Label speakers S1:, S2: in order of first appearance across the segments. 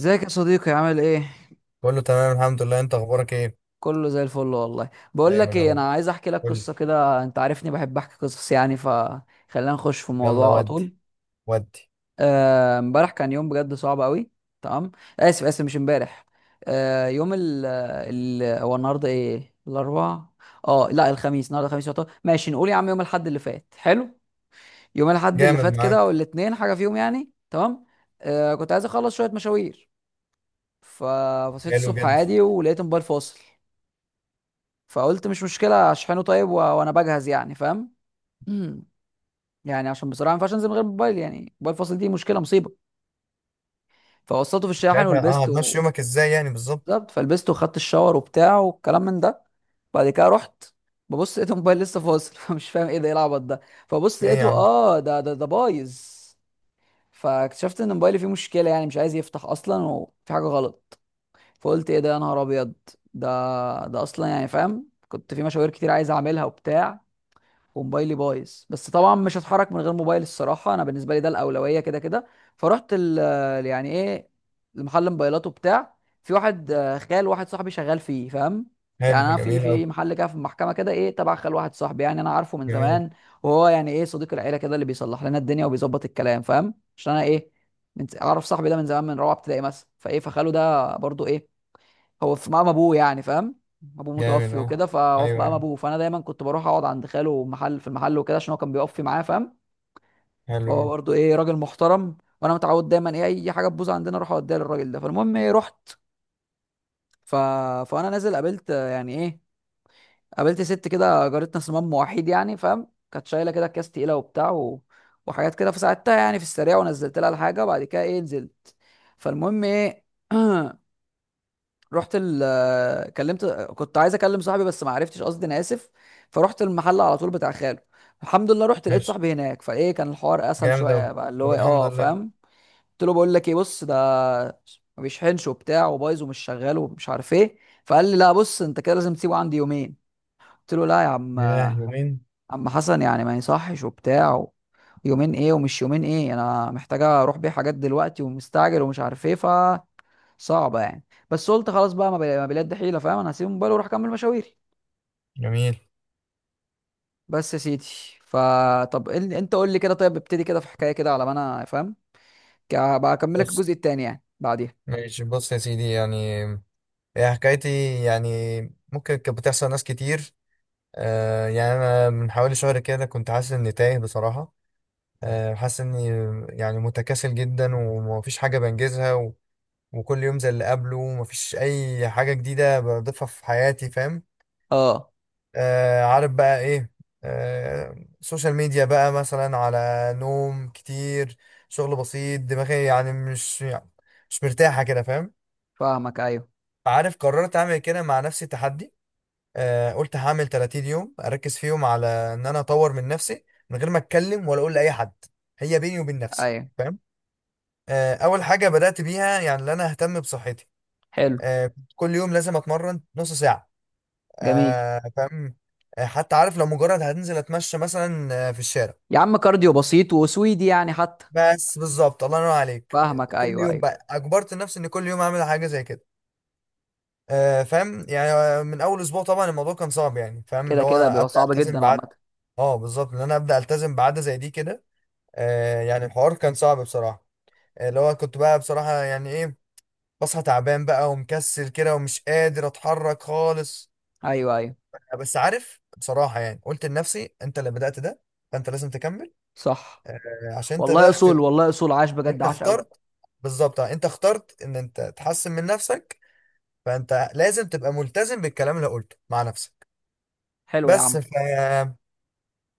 S1: ازيك يا صديقي؟ عامل ايه؟
S2: كله تمام، الحمد لله. انت اخبارك ايه؟
S1: كله زي الفل. والله بقول
S2: دايما
S1: لك
S2: يا
S1: ايه،
S2: رب.
S1: انا عايز احكي لك
S2: قول لي.
S1: قصه كده. انت عارفني بحب احكي قصص يعني، فخلينا نخش في
S2: يلا
S1: الموضوع على طول.
S2: ودي. ودي.
S1: امبارح كان يوم بجد صعب قوي. تمام. اسف اسف، مش امبارح. يوم ال هو النهارده ايه؟ الاربعاء؟ اه لا، الخميس. النهارده الخميس يعتبر، ماشي. نقول يا عم يوم الاحد اللي فات حلو. يوم الاحد اللي
S2: جامد
S1: فات كده
S2: معاك.
S1: والاثنين حاجه فيهم يعني تمام. كنت عايز اخلص شويه مشاوير. فبصيت
S2: حلو
S1: الصبح
S2: جدا.
S1: عادي ولقيت موبايل فاصل. فقلت مش مشكله اشحنه، طيب و... وانا بجهز يعني فاهم. مم. يعني عشان بصراحه ما ينفعش انزل من غير موبايل، يعني موبايل فاصل دي مشكله، مصيبه. فوصلته في
S2: مش
S1: الشاحن
S2: عارف،
S1: ولبسته
S2: هتمشي يومك ازاي يعني؟ بالظبط.
S1: بالظبط. فلبسته وخدت الشاور وبتاع والكلام من ده. بعد كده رحت ببص لقيت الموبايل لسه فاصل فمش فاهم ايه ده، ايه العبط ده. فبص
S2: في ايه يا
S1: لقيته،
S2: عم؟
S1: اه ده ده بايظ. فاكتشفت ان موبايلي فيه مشكله، يعني مش عايز يفتح اصلا وفي حاجه غلط. فقلت ايه ده يا نهار ابيض. ده ده اصلا يعني فاهم، كنت في مشاوير كتير عايز اعملها وبتاع، وموبايلي بايظ. بس طبعا مش هتحرك من غير موبايل، الصراحه انا بالنسبه لي ده الاولويه كده كده. فرحت ال يعني ايه، لمحل موبايلات وبتاع. في واحد خال واحد صاحبي شغال فيه فاهم. يعني
S2: حلو،
S1: انا في
S2: جميل اوي.
S1: محل كده في المحكمه كده، ايه، تبع خال واحد صاحبي يعني انا عارفه من
S2: جميل.
S1: زمان. وهو يعني ايه، صديق العيله كده اللي بيصلح لنا الدنيا وبيظبط الكلام فاهم. عشان انا ايه، من اعرف صاحبي ده من زمان، من رابعه ابتدائي مثلا، فايه فخاله ده برضو ايه، هو في مقام ابوه يعني فاهم. ابوه
S2: جامد
S1: متوفي
S2: اهو.
S1: وكده، فهو في
S2: ايوه،
S1: مقام
S2: ايوه.
S1: ابوه. فانا دايما كنت بروح اقعد عند خاله محل في المحل وكده عشان هو كان بيقف معاه فاهم.
S2: حلو
S1: فهو
S2: اهو.
S1: برضه ايه، راجل محترم، وانا متعود دايما ايه اي حاجه تبوظ عندنا اروح اوديها للراجل ده. فالمهم ايه، رحت. ف... فانا نازل قابلت، يعني ايه، قابلت ست كده، جارتنا صمام وحيد يعني فاهم. كانت شايله كده اكياس تقيله وبتاع و... وحاجات كده، فساعدتها يعني في السريع ونزلت لها الحاجه وبعد كده ايه نزلت. فالمهم ايه، رحت ال كلمت، كنت عايز اكلم صاحبي بس ما عرفتش، قصدي انا اسف. فرحت المحل على طول بتاع خاله. الحمد لله رحت لقيت
S2: ماشي.
S1: صاحبي هناك، فايه كان الحوار اسهل
S2: جامد اوي.
S1: شويه بقى، اللي
S2: طب
S1: هو إيه،
S2: الحمد
S1: اه
S2: لله.
S1: فاهم. قلت له بقول لك ايه، بص ده ما بيشحنش وبتاع، وبايظ ومش شغال ومش عارف ايه. فقال لي لا بص، انت كده لازم تسيبه عندي يومين. قلت له لا يا عم،
S2: ياه، يومين؟
S1: عم حسن يعني ما يصحش وبتاع، يومين ايه ومش يومين ايه، انا محتاجه اروح بيه حاجات دلوقتي، ومستعجل ومش عارف ايه، ف صعبه يعني. بس قلت خلاص بقى، ما ما بلاد دي حيله فاهم، انا هسيب الموبايل واروح اكمل مشاويري.
S2: جميل.
S1: بس يا سيدي، فطب انت قول لي كده، طيب ابتدي كده في حكايه كده على ما انا فاهم. ك- بقى اكملك
S2: بص.
S1: الجزء التاني يعني بعديها.
S2: ماشي، بص يا سيدي يعني. هي حكايتي. يعني ممكن كانت بتحصل ناس كتير. يعني انا من حوالي شهر كده كنت حاسس اني تايه، بصراحة. آه، حاسس اني يعني متكاسل جدا، ومفيش حاجة بنجزها، و... وكل يوم زي اللي قبله، ومفيش أي حاجة جديدة بضيفها في حياتي، فاهم.
S1: اه
S2: عارف بقى إيه؟ سوشيال ميديا بقى مثلا، على نوم كتير، شغل بسيط، دماغي يعني مش مرتاحة كده، فاهم.
S1: فاهمك ايوه
S2: عارف، قررت أعمل كده مع نفسي تحدي. قلت هعمل 30 يوم أركز فيهم على إن أنا أطور من نفسي، من غير ما أتكلم ولا أقول لأي حد. هي بيني وبين نفسي،
S1: ايوه.
S2: فاهم. اول حاجه بدات بيها يعني ان انا اهتم بصحتي.
S1: حلو
S2: كنت كل يوم لازم اتمرن نص ساعه.
S1: جميل
S2: فاهم. حتى عارف لو مجرد هنزل اتمشى مثلا في الشارع.
S1: يا عم، كارديو بسيط وسويدي يعني حتى.
S2: بس بالظبط الله ينور عليك.
S1: فاهمك
S2: كل
S1: ايوه
S2: يوم
S1: ايوه،
S2: بقى اجبرت نفسي ان كل يوم اعمل حاجه زي كده. فاهم يعني. من اول اسبوع طبعا الموضوع كان صعب يعني، فاهم،
S1: كده
S2: اللي هو
S1: كده بيبقى
S2: ابدا
S1: صعب
S2: التزم
S1: جدا
S2: بعد.
S1: عامه.
S2: اه بالظبط ان انا ابدا التزم بعاده زي دي كده. يعني الحوار كان صعب بصراحه. اللي هو كنت بقى، بصراحه يعني ايه، بصحى تعبان بقى ومكسل كده ومش قادر اتحرك خالص.
S1: ايوه ايوه.
S2: بس عارف بصراحة، يعني قلت لنفسي انت اللي بدأت ده، فانت لازم تكمل.
S1: صح.
S2: عشان انت ده
S1: والله
S2: اختيار.
S1: اصول، والله اصول، عاش بجد،
S2: انت
S1: عاش قوي.
S2: اخترت. بالظبط، انت اخترت ان انت تحسن من نفسك، فانت لازم تبقى ملتزم بالكلام اللي قلته مع نفسك.
S1: حلو يا
S2: بس
S1: عم.
S2: ف آه،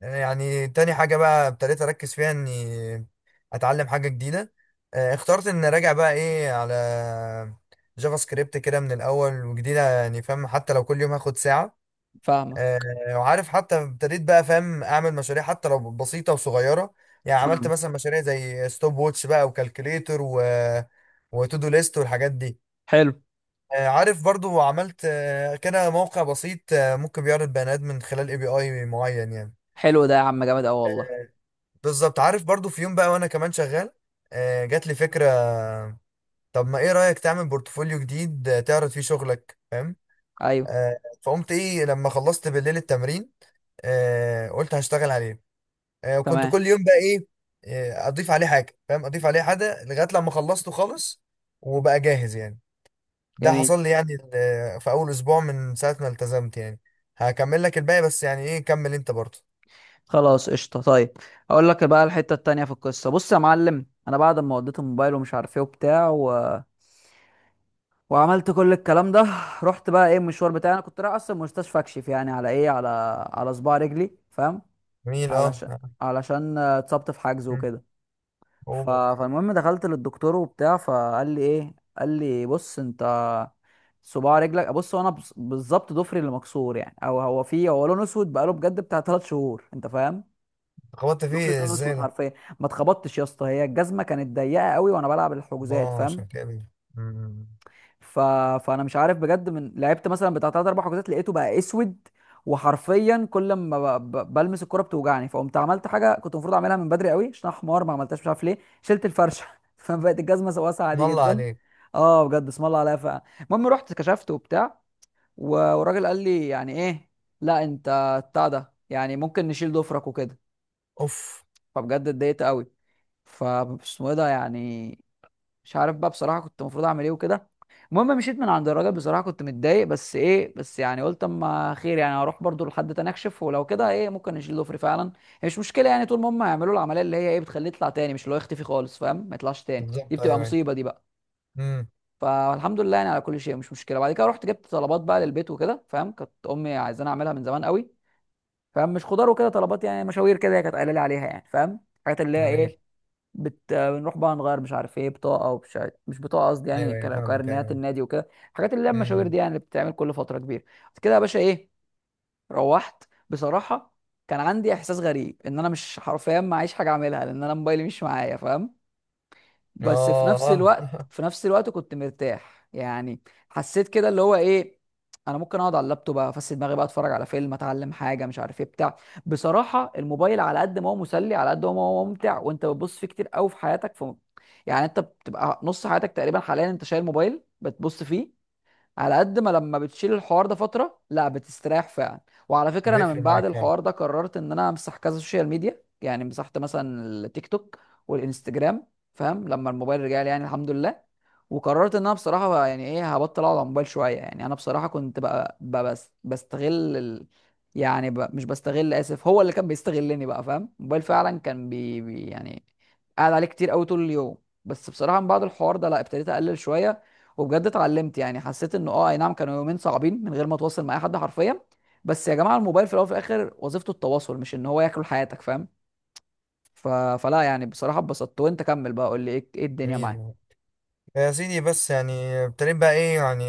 S2: يعني تاني حاجة بقى ابتديت اركز فيها اني اتعلم حاجة جديدة. اخترت ان اراجع بقى ايه على جافا سكريبت كده من الاول، وجديدة يعني فاهم، حتى لو كل يوم هاخد ساعة.
S1: فاهمك.
S2: آه، وعارف حتى ابتديت بقى، فاهم، اعمل مشاريع حتى لو بسيطه وصغيره. يعني عملت
S1: فاهمك.
S2: مثلا مشاريع زي ستوب ووتش بقى، وكالكوليتر، و وتو دو ليست والحاجات دي.
S1: حلو.
S2: عارف برضو عملت كده موقع بسيط، ممكن بيعرض بيانات من خلال API معين يعني.
S1: حلو ده يا عم، جامد قوي والله.
S2: بالظبط عارف برضو في يوم بقى وانا كمان شغال، جات لي فكره، طب ما ايه رايك تعمل بورتفوليو جديد، تعرض فيه شغلك فاهم.
S1: ايوه.
S2: فقمت ايه لما خلصت بالليل التمرين، قلت هشتغل عليه. وكنت
S1: تمام.
S2: كل يوم بقى ايه، اضيف عليه حاجه فاهم، اضيف عليه حاجه لغايه لما خلصته خالص، وبقى جاهز يعني. ده
S1: جميل.
S2: حصل لي يعني في اول اسبوع من ساعه ما التزمت يعني. هكمل لك الباقي، بس يعني ايه، كمل انت برضه.
S1: خلاص قشطه طيب. اقول لك بقى الحته التانية في القصه. بص يا معلم، انا بعد ما وديت الموبايل ومش عارف ايه وبتاع و... وعملت كل الكلام ده رحت بقى ايه المشوار بتاعي. انا كنت رايح اصلا مستشفى اكشف يعني على ايه، على على صباع رجلي فاهم.
S2: جميل. اه.
S1: علشان علشان اتصبت في حجز
S2: مم.
S1: وكده.
S2: اوه.
S1: فالمهم دخلت للدكتور وبتاع، فقال لي ايه، قال لي بص انت، صباع رجلك، بص هو انا بالظبط ضفري اللي مكسور يعني، او هو فيه هو لونه اسود بقاله بجد بتاع 3 شهور انت فاهم.
S2: خبطت
S1: ضفري
S2: فيه
S1: لون
S2: ازاي
S1: اسود
S2: ده؟
S1: حرفيا. ما اتخبطتش يا اسطى، هي الجزمه كانت ضيقه قوي وانا بلعب الحجوزات
S2: اه،
S1: فاهم.
S2: عشان كده. مم.
S1: ف... فانا مش عارف بجد، من لعبت مثلا بتاع 3 4 حجوزات لقيته بقى اسود. وحرفيا كل ما بلمس الكرة بتوجعني. فقمت عملت حاجه كنت المفروض اعملها من بدري قوي، عشان أنا حمار ما عملتهاش مش عارف ليه، شلت الفرشه فبقت الجزمه واسعه عادي
S2: الله
S1: جدا.
S2: عليك.
S1: اه بجد اسم الله عليها فعلا. المهم رحت كشفت وبتاع، والراجل قال لي يعني ايه، لا انت بتاع ده يعني ممكن نشيل ضفرك وكده.
S2: اوف.
S1: فبجد اتضايقت قوي. فاسمه ايه ده يعني. مش عارف بقى بصراحه كنت المفروض اعمل ايه وكده. المهم مشيت من عند الراجل بصراحه كنت متضايق، بس ايه بس يعني قلت اما خير يعني، هروح برضو لحد تاني اكشف، ولو كده ايه ممكن نشيل ضفري فعلا. هي مش مشكله يعني، طول ما هم يعملوا العمليه اللي هي ايه بتخليه يطلع تاني، مش اللي هو يختفي خالص فاهم، ما يطلعش تاني، دي
S2: بالظبط.
S1: بتبقى
S2: ايوه، ايوه.
S1: مصيبه دي بقى.
S2: امم.
S1: فالحمد لله يعني على كل شيء، مش مشكله. بعد كده رحت جبت طلبات بقى للبيت وكده فاهم، كانت امي عايزاني اعملها من زمان قوي فاهم. مش خضار وكده طلبات يعني، مشاوير كده هي كانت قايله لي عليها يعني فاهم، الحاجات اللي هي
S2: جميل.
S1: ايه، بنروح بقى نغير مش عارف ايه، بطاقه ومش عارف... مش بطاقه قصدي
S2: ايوه،
S1: يعني،
S2: ايوه، فاهمك. ايوه،
S1: كارنيهات
S2: ايوه.
S1: النادي وكده، الحاجات اللي هي المشاوير
S2: امم.
S1: دي يعني اللي بتتعمل كل فتره كبيره. بعد كده يا باشا ايه، روحت بصراحه كان عندي احساس غريب ان انا مش حرفيا معيش حاجه اعملها لان انا موبايلي مش معايا فاهم. بس في
S2: اه،
S1: نفس
S2: اه.
S1: الوقت، في نفس الوقت كنت مرتاح يعني. حسيت كده اللي هو ايه، انا ممكن اقعد على اللابتوب افسد دماغي بقى، اتفرج على فيلم، اتعلم حاجه، مش عارف ايه بتاع. بصراحه الموبايل على قد ما هو مسلي، على قد ما هو ممتع وانت بتبص فيه كتير قوي في حياتك، في يعني انت بتبقى نص حياتك تقريبا حاليا انت شايل موبايل بتبص فيه. على قد ما لما بتشيل الحوار ده فترة، لا بتستريح فعلا. وعلى فكرة انا
S2: بيفرق
S1: من بعد
S2: معاك فعلا.
S1: الحوار ده قررت ان انا امسح كذا سوشيال ميديا، يعني مسحت مثلا التيك توك والانستجرام فاهم، لما الموبايل رجع لي يعني الحمد لله. وقررت ان انا بصراحة يعني ايه هبطل اقعد على الموبايل شوية. يعني انا بصراحة كنت بقى, بقى بس بستغل ال... يعني مش بستغل اسف، هو اللي كان بيستغلني بقى فاهم. الموبايل فعلا كان بي يعني قاعد عليه كتير قوي طول اليوم. بس بصراحة من بعد الحوار ده لا، ابتديت اقلل شوية. وبجد اتعلمت يعني، حسيت انه اه اي نعم، كانوا يومين صعبين من غير ما اتواصل مع اي حد حرفيا، بس يا جماعه الموبايل في الاول وفي الاخر وظيفته التواصل، مش ان هو ياكل حياتك فاهم. ف... فلا يعني بصراحه اتبسطت. وانت كمل بقى، قول لي ايه، ايه الدنيا معاه.
S2: جميل. يا سيدي بس يعني، ابتديت بقى ايه يعني،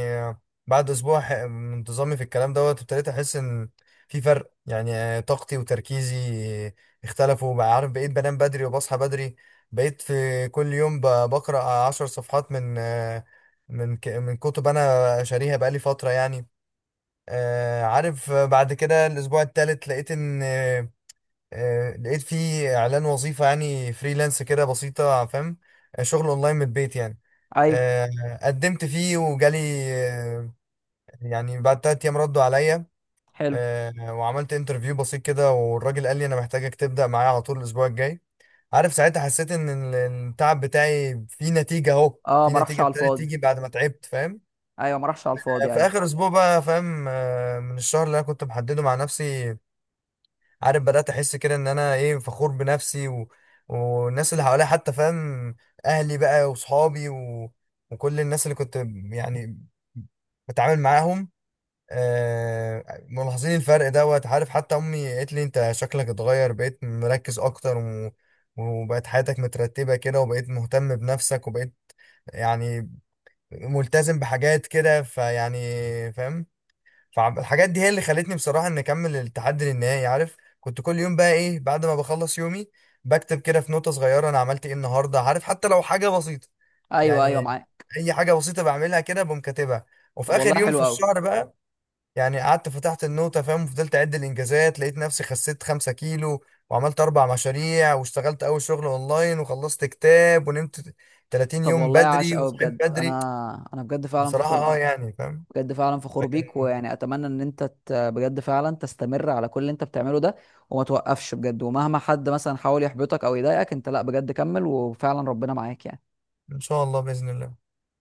S2: بعد اسبوع من انتظامي في الكلام دوت، ابتديت احس ان في فرق، يعني طاقتي وتركيزي اختلفوا بقى، عارف بقيت بنام بدري وبصحى بدري. بقيت في كل يوم بقرأ 10 صفحات من كتب انا شاريها بقالي فترة يعني. عارف بعد كده الاسبوع التالت لقيت ان لقيت في اعلان وظيفة يعني فريلانس كده بسيطة فاهم. شغل اونلاين من البيت يعني.
S1: ايوه.
S2: آه، قدمت فيه وجالي آه، يعني بعد 3 أيام ردوا عليا.
S1: حلو.
S2: وعملت انترفيو بسيط كده، والراجل قال لي أنا محتاجك تبدأ معايا على طول الأسبوع الجاي. عارف ساعتها حسيت إن التعب بتاعي فيه نتيجة، أهو
S1: اه
S2: في
S1: ما راحش
S2: نتيجة
S1: على
S2: ابتدت
S1: الفاضي.
S2: تيجي بعد ما تعبت، فاهم.
S1: ايوه ما راحش على الفاضي.
S2: في
S1: ايوه
S2: آخر أسبوع بقى فاهم، من الشهر اللي أنا كنت محدده مع نفسي، عارف، بدأت أحس كده إن أنا إيه، فخور بنفسي، و... والناس اللي حواليا حتى، فاهم، أهلي بقى وصحابي و... وكل الناس اللي كنت يعني بتعامل معاهم. ملاحظين الفرق دوت، عارف حتى أمي قالت لي أنت شكلك اتغير، بقيت مركز أكتر، و... وبقت حياتك مترتبة كده، وبقيت مهتم بنفسك، وبقيت يعني ملتزم بحاجات كده فيعني، فاهم. فالحاجات دي هي اللي خلتني بصراحة إن أكمل التحدي للنهائي. عارف كنت كل يوم بقى إيه، بعد ما بخلص يومي، بكتب كده في نوتة صغيرة أنا عملت إيه النهاردة، عارف حتى لو حاجة بسيطة
S1: ايوه ايوه
S2: يعني.
S1: معاه.
S2: أي حاجة بسيطة بعملها كده بقوم كاتبها. وفي
S1: طب
S2: آخر
S1: والله
S2: يوم في
S1: حلو قوي.
S2: الشهر بقى يعني، قعدت فتحت النوتة، فاهم، وفضلت أعد الإنجازات، لقيت نفسي خسيت 5 كيلو وعملت أربع مشاريع واشتغلت أول شغل أونلاين وخلصت كتاب ونمت 30
S1: طب
S2: يوم
S1: والله عاش
S2: بدري
S1: قوي
S2: وصحيت
S1: بجد.
S2: بدري.
S1: انا انا بجد فعلا
S2: بصراحة
S1: فخور
S2: أه
S1: بيك.
S2: يعني فاهم،
S1: بجد فعلا فخور بيك.
S2: لكن
S1: ويعني اتمنى ان انت بجد فعلا تستمر على كل اللي انت بتعمله ده. وما توقفش بجد، ومهما حد مثلا حاول يحبطك او يضايقك، انت لا بجد كمل وفعلا ربنا معاك يعني.
S2: إن شاء الله، بإذن الله.